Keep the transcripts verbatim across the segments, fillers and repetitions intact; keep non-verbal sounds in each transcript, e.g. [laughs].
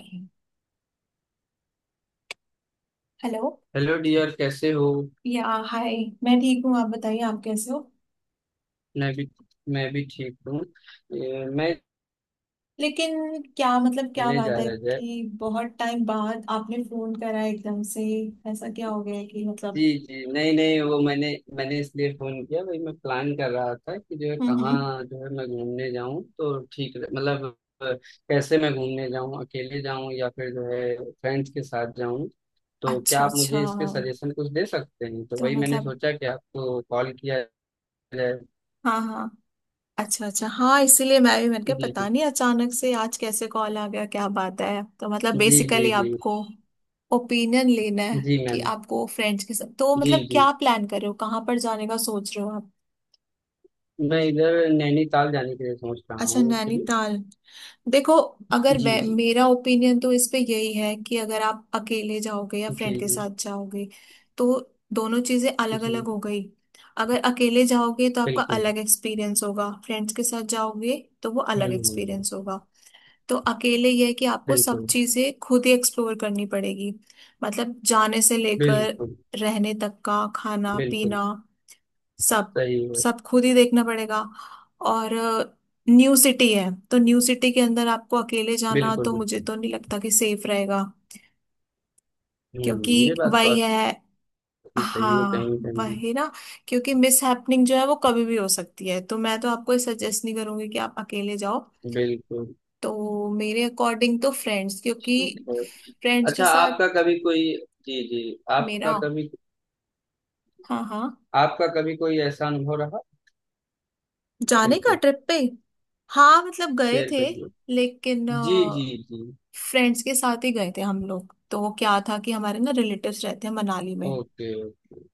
Hello. Hello dear कैसे हो। या हाय। मैं ठीक हूँ, आप बताइए आप कैसे हो। मैं भी मैं भी ठीक हूँ। ये, मैं लेकिन क्या मतलब, क्या घूमने बात जा है रहा था। कि बहुत टाइम बाद आपने फोन करा एकदम से? ऐसा क्या हो गया है कि जी मतलब। जी, नहीं नहीं, वो मैंने मैंने इसलिए फोन किया भाई। मैं प्लान कर रहा था कि जो है हम्म हम्म। कहाँ जो है मैं घूमने जाऊँ तो ठीक रहे- मतलब अ, कैसे मैं घूमने जाऊँ, अकेले जाऊँ या फिर जो है फ्रेंड्स के साथ जाऊँ। तो क्या अच्छा आप अच्छा, मुझे इस पे सजेशन कुछ दे सकते हैं? तो तो वही मैंने मतलब। सोचा कि आपको कॉल किया जाए। हाँ हाँ, अच्छा अच्छा हाँ, इसीलिए मैं भी मैंने कहा जी पता नहीं अचानक से आज कैसे कॉल आ गया, क्या बात है, तो मतलब जी जी बेसिकली जी आपको ओपिनियन लेना है जी कि मैम, आपको फ्रेंड्स के साथ, तो जी मतलब जी, क्या प्लान कर रहे हो, कहाँ पर जाने का सोच रहे हो आप? मैं इधर नैनीताल जाने के लिए सोच रहा अच्छा, हूँ एक्चुअली। नैनीताल। देखो, अगर जी वे- जी मेरा ओपिनियन तो इस पे यही है कि अगर आप अकेले जाओगे या फ्रेंड जी के जी साथ जाओगे तो दोनों चीजें अलग जी। अलग हो गई। अगर अकेले जाओगे तो आपका बिल्कुल। अलग एक्सपीरियंस होगा, फ्रेंड्स के साथ जाओगे तो वो अलग हम्म हम्म। एक्सपीरियंस होगा। तो अकेले ये है कि आपको सब बिल्कुल चीजें खुद ही एक्सप्लोर करनी पड़ेगी, मतलब जाने से लेकर बिल्कुल। रहने तक का खाना बिल्कुल पीना सब, सही है। सब खुद ही देखना पड़ेगा। और न्यू सिटी है, तो न्यू सिटी के अंदर आपको अकेले जाना, बिल्कुल तो मुझे बिल्कुल। तो नहीं लगता कि सेफ रहेगा, हम्म क्योंकि हम्म, ये बात तो वही है। आपकी सही है कहीं हाँ ना कहीं। वही ना, क्योंकि मिस हैपनिंग जो है वो कभी भी हो सकती है, तो मैं तो आपको सजेस्ट नहीं करूंगी कि आप अकेले जाओ। बिल्कुल। तो मेरे अकॉर्डिंग तो फ्रेंड्स, क्योंकि ठीक है। फ्रेंड्स के अच्छा, साथ। आपका कभी कोई जी जी, आपका मेरा, कभी हाँ हाँ, आपका कभी कोई ऐसा अनुभव रहा? जाने का बिल्कुल ट्रिप पे। हाँ मतलब गए शेयर थे, करिए। लेकिन जी जी अ, जी। फ्रेंड्स के साथ ही गए थे हम लोग, तो क्या था कि हमारे ना रिलेटिव्स रहते हैं मनाली में, ओके ओके।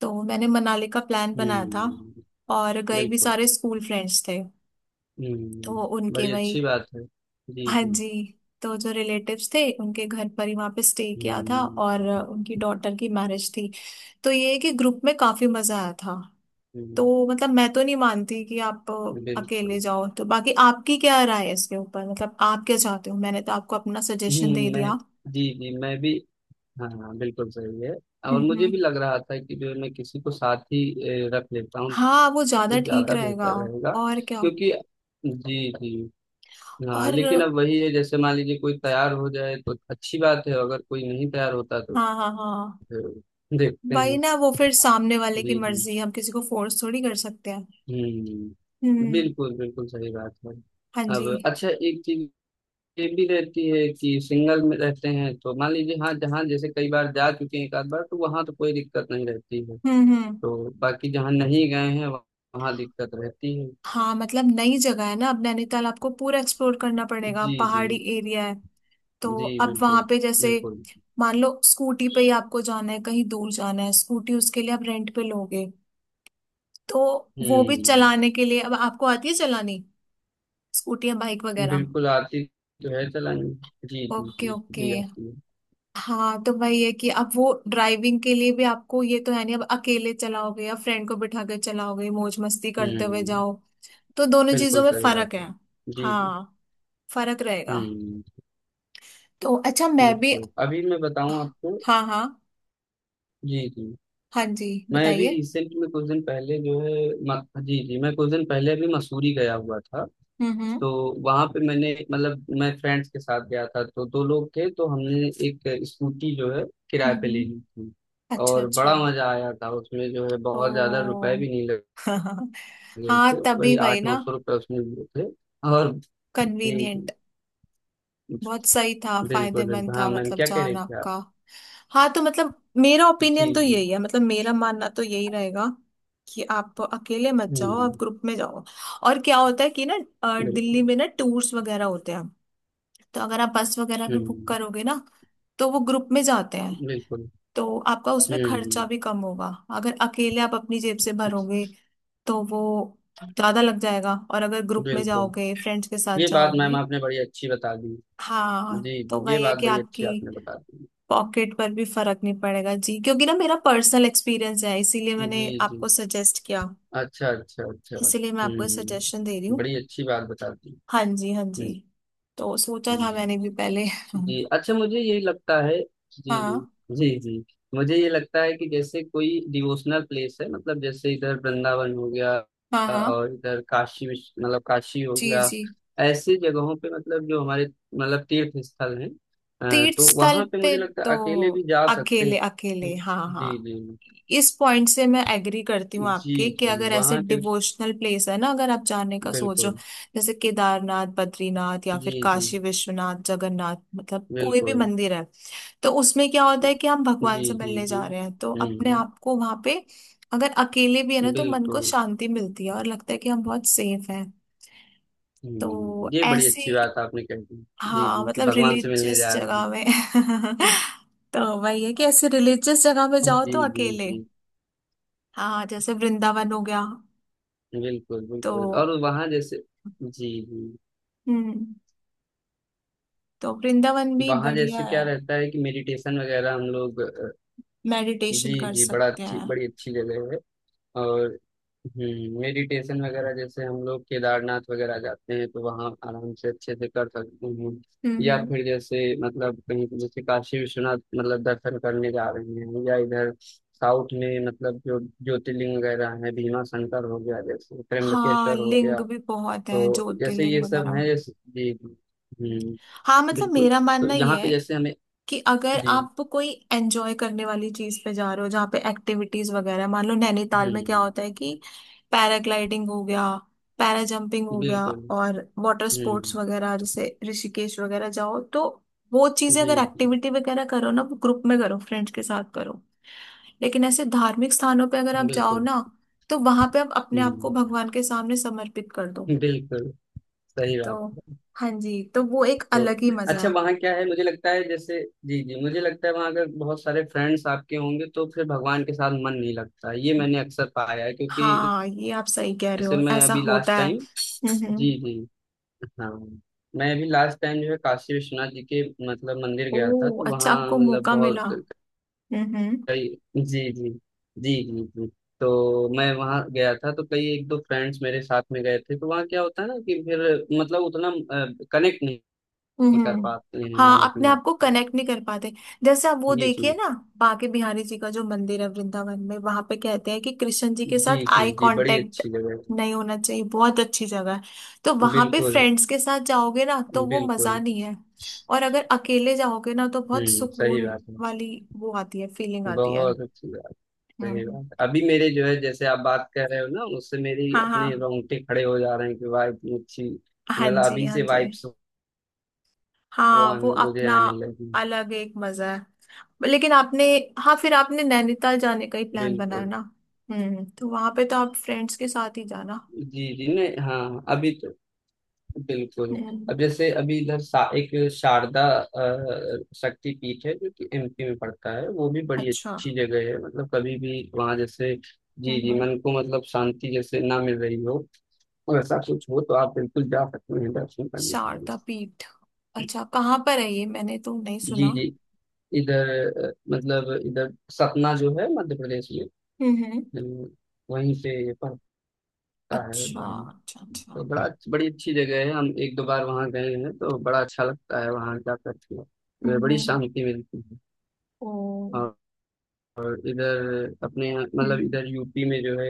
तो मैंने मनाली का प्लान बनाया था, हम्म। और गए भी, बिल्कुल। सारे स्कूल फ्रेंड्स थे। हम्म, तो उनके बड़ी वही। अच्छी बात है। जी हाँ जी। जी। तो जो रिलेटिव्स थे उनके घर पर ही वहाँ पे स्टे किया था, हम्म और उनकी डॉटर की मैरिज थी। तो ये है कि ग्रुप में काफी मजा आया था। हम्म, तो मतलब मैं तो नहीं मानती कि आप बिल्कुल। अकेले जाओ, तो बाकी आपकी क्या राय है इसके ऊपर, मतलब आप क्या चाहते हो, मैंने तो आपको अपना सजेशन दे हम्म, मैं, दिया। जी जी मैं भी, हाँ हाँ बिल्कुल सही है। और मुझे हम्म। भी लग रहा था कि जो है मैं किसी को साथ ही ए, रख लेता हूँ। हाँ वो तो ज्यादा ठीक ज्यादा रहेगा। बेहतर रहेगा और क्या। क्योंकि जी जी। हाँ और लेकिन अब वही है, जैसे मान लीजिए कोई तैयार हो जाए तो अच्छी बात है, अगर कोई नहीं तैयार होता तो हाँ हाँ हाँ, फिर देखते वही हैं। ना, वो फिर सामने वाले की जी जी। मर्जी, हम किसी को फोर्स थोड़ी कर सकते हैं। हम्म, हम्म। बिल्कुल बिल्कुल सही बात है। हाँ जी। अब अच्छा एक चीज ये भी रहती है कि सिंगल में रहते हैं तो मान लीजिए हाँ जहाँ जैसे कई बार जा चुके हैं एक आध बार तो वहाँ तो कोई दिक्कत नहीं रहती है। हम्म हम्म। तो बाकी जहाँ नहीं गए हैं वहाँ दिक्कत रहती है। हाँ मतलब नई जगह है ना, अब नैनीताल आपको पूरा एक्सप्लोर करना पड़ेगा, जी जी पहाड़ी एरिया है। तो जी। अब वहां बिल्कुल पे जैसे बिल्कुल। मान लो, स्कूटी पे ही आपको जाना है, कहीं दूर जाना है, स्कूटी उसके लिए आप रेंट पे लोगे, तो वो भी हम्म। चलाने के लिए, अब आपको आती है चलानी स्कूटी या बाइक वगैरह? बिल्कुल आती तो है चलानी। जी जी ओके जी ओके। जी आती है। हाँ तो वही है कि अब वो ड्राइविंग के लिए भी आपको ये तो है नहीं, अब अकेले चलाओगे या फ्रेंड को बिठा कर चलाओगे मौज मस्ती करते हुए हम्म। जाओ, तो दोनों बिल्कुल चीजों में सही बात फर्क है। है। जी जी। हाँ फर्क रहेगा। हम्म। तो अच्छा मैं भी। बिल्कुल अभी मैं बताऊं आपको। हाँ हाँ। जी जी। हाँ जी मैं अभी बताइए। रिसेंट में कुछ दिन पहले जो है म, जी जी, मैं कुछ दिन पहले अभी मसूरी गया हुआ था। हम्म हम्म। तो वहां पे मैंने मतलब मैं फ्रेंड्स के साथ गया था तो दो लोग थे तो हमने एक स्कूटी जो है हम्म किराए पे ले हम्म, ली थी। अच्छा और अच्छा। बड़ा मजा आया था उसमें, जो है बहुत ज्यादा रुपए ओ भी नहीं [laughs] लगे हाँ थे, तभी वही वही आठ नौ ना, सौ रुपये उसमें लिए थे। और जी कन्वीनियंट, जी, बहुत सही था, बिल्कुल बिल्कुल, फायदेमंद था, हाँ मैम मतलब क्या कह जान रहे थे आप? आपका। हाँ तो मतलब मेरा जी ओपिनियन तो जी। यही है, मतलब मेरा मानना तो यही रहेगा कि आप अकेले मत जाओ, आप हम्म। ग्रुप में जाओ। और क्या होता है कि ना, अ, दिल्ली बिल्कुल। में ना टूर्स वगैरह होते हैं, तो अगर आप बस वगैरह भी बुक हम्म। करोगे ना तो वो ग्रुप में जाते हैं, बिल्कुल। तो आपका उसमें हम्म। खर्चा भी कम होगा। अगर अकेले आप अपनी जेब से भरोगे तो वो ज्यादा लग जाएगा, और अगर ग्रुप में बिल्कुल जाओगे फ्रेंड्स के साथ ये बात मैम जाओगे। आपने बड़ी अच्छी बता दी। हाँ जी तो जी ये वही है बात कि बड़ी अच्छी आपकी आपने बता दी। पॉकेट पर भी फर्क नहीं पड़ेगा जी, क्योंकि ना मेरा पर्सनल एक्सपीरियंस है, इसीलिए मैंने जी जी। आपको सजेस्ट किया, अच्छा अच्छा अच्छा, इसीलिए मैं आपको सजेशन दे रही हम्म, हूँ। बड़ी अच्छी बात बता दी। हाँ जी हाँ जी। हम्म तो सोचा था हम्म। मैंने भी पहले [laughs] जी अच्छा, मुझे ये लगता है, जी जी हाँ जी जी, मुझे ये लगता है कि जैसे कोई डिवोशनल प्लेस है, मतलब जैसे इधर वृंदावन हो गया, हाँ। हाँ और इधर काशी विश्व मतलब काशी हो जी गया। जी। ऐसे जगहों पे मतलब जो हमारे मतलब तीर्थ स्थल हैं, अ, तीर्थ तो स्थल वहां पे मुझे पे। लगता तो है अकेले भी जा सकते अकेले हैं। अकेले, हाँ हाँ, जी जी इस पॉइंट से मैं एग्री करती हूँ जी आपके, कि जी अगर ऐसे वहाँ के। डिवोशनल प्लेस है ना अगर आप जाने का सोचो, बिल्कुल। जैसे केदारनाथ बद्रीनाथ या फिर जी जी। काशी विश्वनाथ जगन्नाथ, मतलब कोई भी बिल्कुल। मंदिर है, तो उसमें क्या होता है कि हम भगवान जी से जी मिलने जी। जा रहे हैं, तो अपने हम्म। आप को वहां पे अगर अकेले भी है ना तो मन को बिल्कुल। शांति मिलती है और लगता है कि हम बहुत सेफ हैं। तो हम्म, ये बड़ी ऐसे, अच्छी बात आपने कह दी। जी हाँ जी, कि मतलब भगवान से मिलने रिलीजियस जा रहे जगह हैं। में [laughs] तो वही है कि ऐसे रिलीजियस जगह में जाओ जी तो जी अकेले। जी। हाँ जैसे वृंदावन हो गया। बिल्कुल तो बिल्कुल, और वहाँ जैसे, जी जी, हम्म, तो वृंदावन भी वहाँ बढ़िया जैसे है। क्या रहता है कि मेडिटेशन वगैरह हम लोग अ, जी मेडिटेशन कर जी, बड़ा सकते अच्छी हैं। बड़ी अच्छी जगह है। और हम्म, मेडिटेशन वगैरह जैसे हम लोग केदारनाथ वगैरह जाते हैं तो वहाँ आराम से अच्छे से कर सकते हैं। हम्म या हम्म। फिर जैसे मतलब कहीं जैसे काशी विश्वनाथ मतलब दर्शन करने जा रहे हैं, या इधर साउथ में मतलब जो ज्योतिर्लिंग वगैरह है, भीमा शंकर हो गया, जैसे हाँ त्र्यंबकेश्वर हो गया। लिंग भी बहुत है तो जैसे ज्योतिर्लिंग ये सब वगैरह। है, जैसे, जी जी, हम्म, हाँ मतलब बिल्कुल। मेरा तो मानना यहाँ ये पे है जैसे हमें, कि अगर जी, आप कोई एंजॉय करने वाली चीज पे जा रहे हो जहाँ पे एक्टिविटीज वगैरह है, मान लो नैनीताल में क्या हम्म, होता है कि पैराग्लाइडिंग हो गया, पैरा जंपिंग हो गया, बिल्कुल, और वाटर हम्म, स्पोर्ट्स वगैरह, जैसे ऋषिकेश वगैरह जाओ तो वो चीजें, जी अगर जी, एक्टिविटी वगैरह करो ना, वो ग्रुप में करो, फ्रेंड्स के साथ करो। लेकिन ऐसे धार्मिक स्थानों पे अगर आप जाओ बिल्कुल, ना, तो वहां पे आप अपने आप को हम्म, भगवान के सामने समर्पित कर दो, बिल्कुल सही तो बात है। हाँ जी, तो वो एक तो अलग ही मजा अच्छा वहाँ क्या है, मुझे लगता है जैसे, जी जी, मुझे लगता है वहाँ अगर बहुत सारे फ्रेंड्स आपके होंगे तो फिर भगवान के साथ मन नहीं लगता, ये है। मैंने अक्सर पाया है, क्योंकि हाँ ये आप सही कह रहे जैसे हो, मैं ऐसा अभी होता लास्ट है। टाइम, हम्म। जी जी, हाँ, मैं अभी लास्ट टाइम जो है काशी विश्वनाथ जी के मतलब मंदिर ओ गया था तो अच्छा, वहाँ आपको मतलब मौका मिला। बहुत हम्म कई जी जी जी जी जी, तो मैं वहाँ गया था तो कई एक दो फ्रेंड्स मेरे साथ में गए थे तो वहाँ क्या होता है ना कि फिर मतलब उतना कनेक्ट नहीं कर हम्म। पाते हैं हाँ हम अपने अपने आप आप को को। कनेक्ट नहीं कर पाते। जैसे आप वो जी जी देखिए ना, बांके बिहारी जी का जो मंदिर है वृंदावन में, वहां पे कहते हैं कि कृष्ण जी के जी साथ आई जी जी, बड़ी कांटेक्ट अच्छी जगह थी। नहीं होना चाहिए, बहुत अच्छी जगह है। तो वहां पे बिल्कुल फ्रेंड्स के साथ जाओगे ना तो वो मजा बिल्कुल। नहीं है, और अगर अकेले जाओगे ना तो बहुत हम्म, सही सुकून बात है। वाली वो आती है, फीलिंग आती है। बहुत अच्छी बात। सही हम्म। बात। अभी मेरे जो है जैसे आप बात कर रहे हो ना उससे मेरी हाँ अपने हाँ। रोंगटे खड़े हो जा रहे हैं कि वाह, इतनी अच्छी, हाँ मतलब जी अभी हाँ से जी। वाइब्स वो हाँ वो आने मुझे अपना आने लगी। अलग एक मजा है। लेकिन आपने, हाँ फिर आपने नैनीताल जाने का ही प्लान बनाया बिल्कुल। ना। हम्म तो वहां पे तो आप फ्रेंड्स के साथ ही जाना। जी जी, नहीं हाँ अभी तो, बिल्कुल। हम्म। अब जैसे अभी इधर सा, एक शारदा अ, शक्ति पीठ है जो कि एमपी में पड़ता है, वो भी बड़ी अच्छा। अच्छी जगह है। मतलब कभी भी वहां जैसे, जी जी, हम्म। मन को मतलब शांति जैसे ना मिल रही हो, और ऐसा कुछ हो तो आप बिल्कुल जा सकते हैं दर्शन करने के लिए। शारदा पीठ। अच्छा कहाँ पर है ये, मैंने तो नहीं सुना। जी जी इधर अ, मतलब इधर सतना जो है मध्य प्रदेश में, हम्म। अ, वहीं से है अच्छा धाम। अच्छा अच्छा। तो बड़ा बड़ी अच्छी जगह है, हम एक दो बार वहाँ गए हैं तो बड़ा अच्छा लगता है वहाँ जा करके। वे बड़ी हम्म। शांति मिलती है। ओ। और और इधर अपने यहाँ- मतलब हम्म इधर यूपी में जो है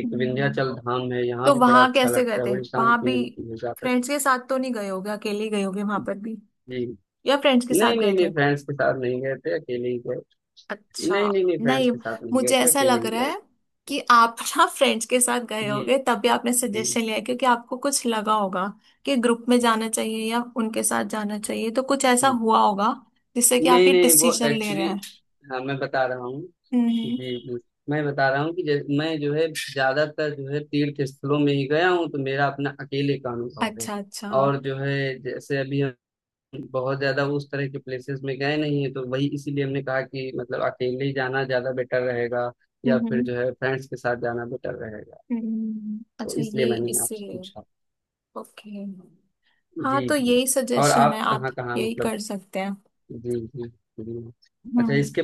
एक हम्म। विंध्याचल धाम है, यहाँ तो भी बड़ा वहां अच्छा कैसे गए लगता है, थे बड़ी वहां शांति भी? मिलती है जाकर। फ्रेंड्स के साथ तो नहीं गए होगे, अकेले ही गए होगे वहां पर भी, जी या फ्रेंड्स के साथ नहीं नहीं गए नहीं, थे? फ्रेंड्स के साथ नहीं गए थे, अकेले ही गए। अच्छा। नहीं नहीं नहीं फ्रेंड्स नहीं, के साथ नहीं गए मुझे थे, ऐसा अकेले लग ही रहा गए। है कि आप [laughs] ना फ्रेंड्स के साथ गए जी होगे तभी आपने जी सजेशन लिया है, क्योंकि आपको कुछ लगा होगा कि ग्रुप में जाना चाहिए या उनके साथ जाना चाहिए, तो कुछ ऐसा जी। हुआ होगा जिससे कि आप नहीं ये नहीं, वो डिसीजन ले रहे एक्चुअली, हैं। हाँ मैं बता रहा हूँ। हम्म। जी जी, मैं बता रहा हूँ कि जै- मैं जो है ज्यादातर जो है तीर्थ स्थलों में ही गया हूँ, तो मेरा अपना अकेले का अनुभव है। अच्छा अच्छा। और जो है जैसे अभी हम बहुत ज्यादा उस तरह के प्लेसेस में गए नहीं है, तो वही इसीलिए हमने कहा कि मतलब अकेले ही जाना ज्यादा बेटर रहेगा, या फिर हम्म जो है फ्रेंड्स के साथ जाना बेटर रहेगा। हम्म। तो अच्छा इसलिए ये मैंने आपसे इसीलिए। पूछा। ओके। हाँ जी तो जी। यही और सजेशन है, आप आप कहाँ कहाँ यही मतलब, कर सकते हैं। जी जी जी। अच्छा हम्म। इसके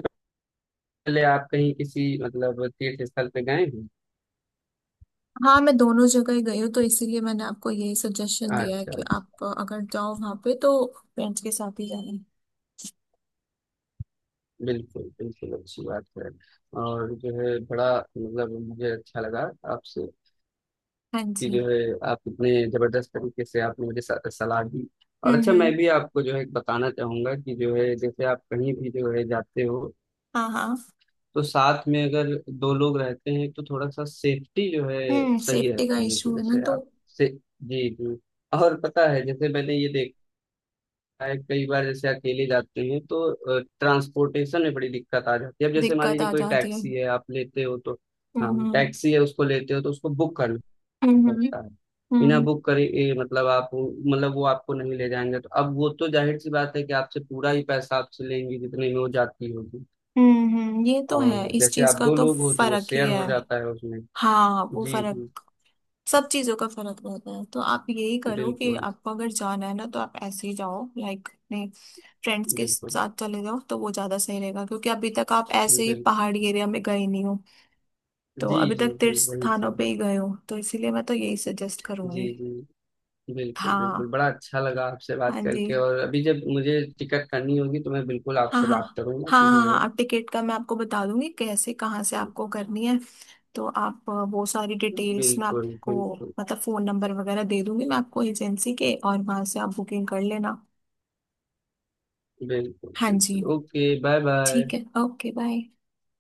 पहले आप कहीं किसी मतलब तीर्थ स्थल पे गए हैं? हाँ मैं दोनों जगह ही गई हूँ, तो इसीलिए मैंने आपको यही सजेशन दिया है अच्छा कि अच्छा। आप अ, अगर जाओ वहां पे तो पेरेंट्स के साथ ही जाना। बिल्कुल बिल्कुल अच्छी बात है। और जो है बड़ा मतलब मुझे अच्छा लगा आपसे हाँ कि जी। जो है आप इतने जबरदस्त तरीके से आपने मुझे सा- सलाह दी। और हम्म अच्छा, मैं हम्म। भी आपको जो है बताना चाहूंगा कि जो है जैसे आप कहीं भी जो है जाते हो हाँ हाँ। तो साथ में अगर दो लोग रहते हैं तो थोड़ा सा सेफ्टी जो है हम्म, सही सेफ्टी का रहती है, कि इशू है ना जैसे तो। आप से जी जी। और पता है जैसे मैंने ये देखा है कई बार जैसे अकेले जाते हैं तो ट्रांसपोर्टेशन में बड़ी दिक्कत आ जाती है। अब जैसे मान दिक्कत लीजिए आ कोई जाती है। टैक्सी है आप लेते हो तो, हाँ, हम्म हम्म टैक्सी है उसको लेते हो तो उसको बुक करना हम्म हम्म पड़ता है। बिना हम्म बुक करे ए, मतलब आप मतलब वो आपको नहीं ले जाएंगे। तो अब वो तो जाहिर सी बात है कि आपसे पूरा ही पैसा आपसे लेंगे जितने में वो जाती होगी। हम्म, हम्म। ये तो है, और इस जैसे चीज आप का दो तो लोग हो तो वो फर्क ही शेयर है। हो जाता है उसमें। हाँ वो जी जी। फर्क, सब चीजों का फर्क रहता है। तो आप यही करो कि बिल्कुल आपको अगर जाना है ना, तो आप ऐसे ही जाओ लाइक, फ्रेंड्स के बिल्कुल। साथ चले जाओ, तो वो ज्यादा सही रहेगा, क्योंकि अभी तक आप ऐसे ही बिल्कुल। पहाड़ी एरिया में गए नहीं हो, तो जी अभी जी तक जी तीर्थ वही स्थानों चीज पे है। ही गए हो, तो इसीलिए मैं तो यही सजेस्ट जी करूंगी। जी। बिल्कुल हाँ। बिल्कुल, बड़ा अच्छा लगा आपसे बात हाँ जी। करके, और अभी जब मुझे टिकट करनी होगी तो मैं बिल्कुल हाँ आपसे हाँ। बात करूंगा हाँ कि हाँ जो है। हाँ आप टिकट का मैं आपको बता दूंगी कैसे कहाँ से आपको करनी है, तो आप अ, वो सारी डिटेल्स मैं बिल्कुल आपको, बिल्कुल। मतलब फोन नंबर वगैरह दे दूंगी मैं आपको एजेंसी के, और वहां से आप बुकिंग कर लेना। बिल्कुल हाँ जी। बिल्कुल। Okay bye bye. ठीक है। Okay bye.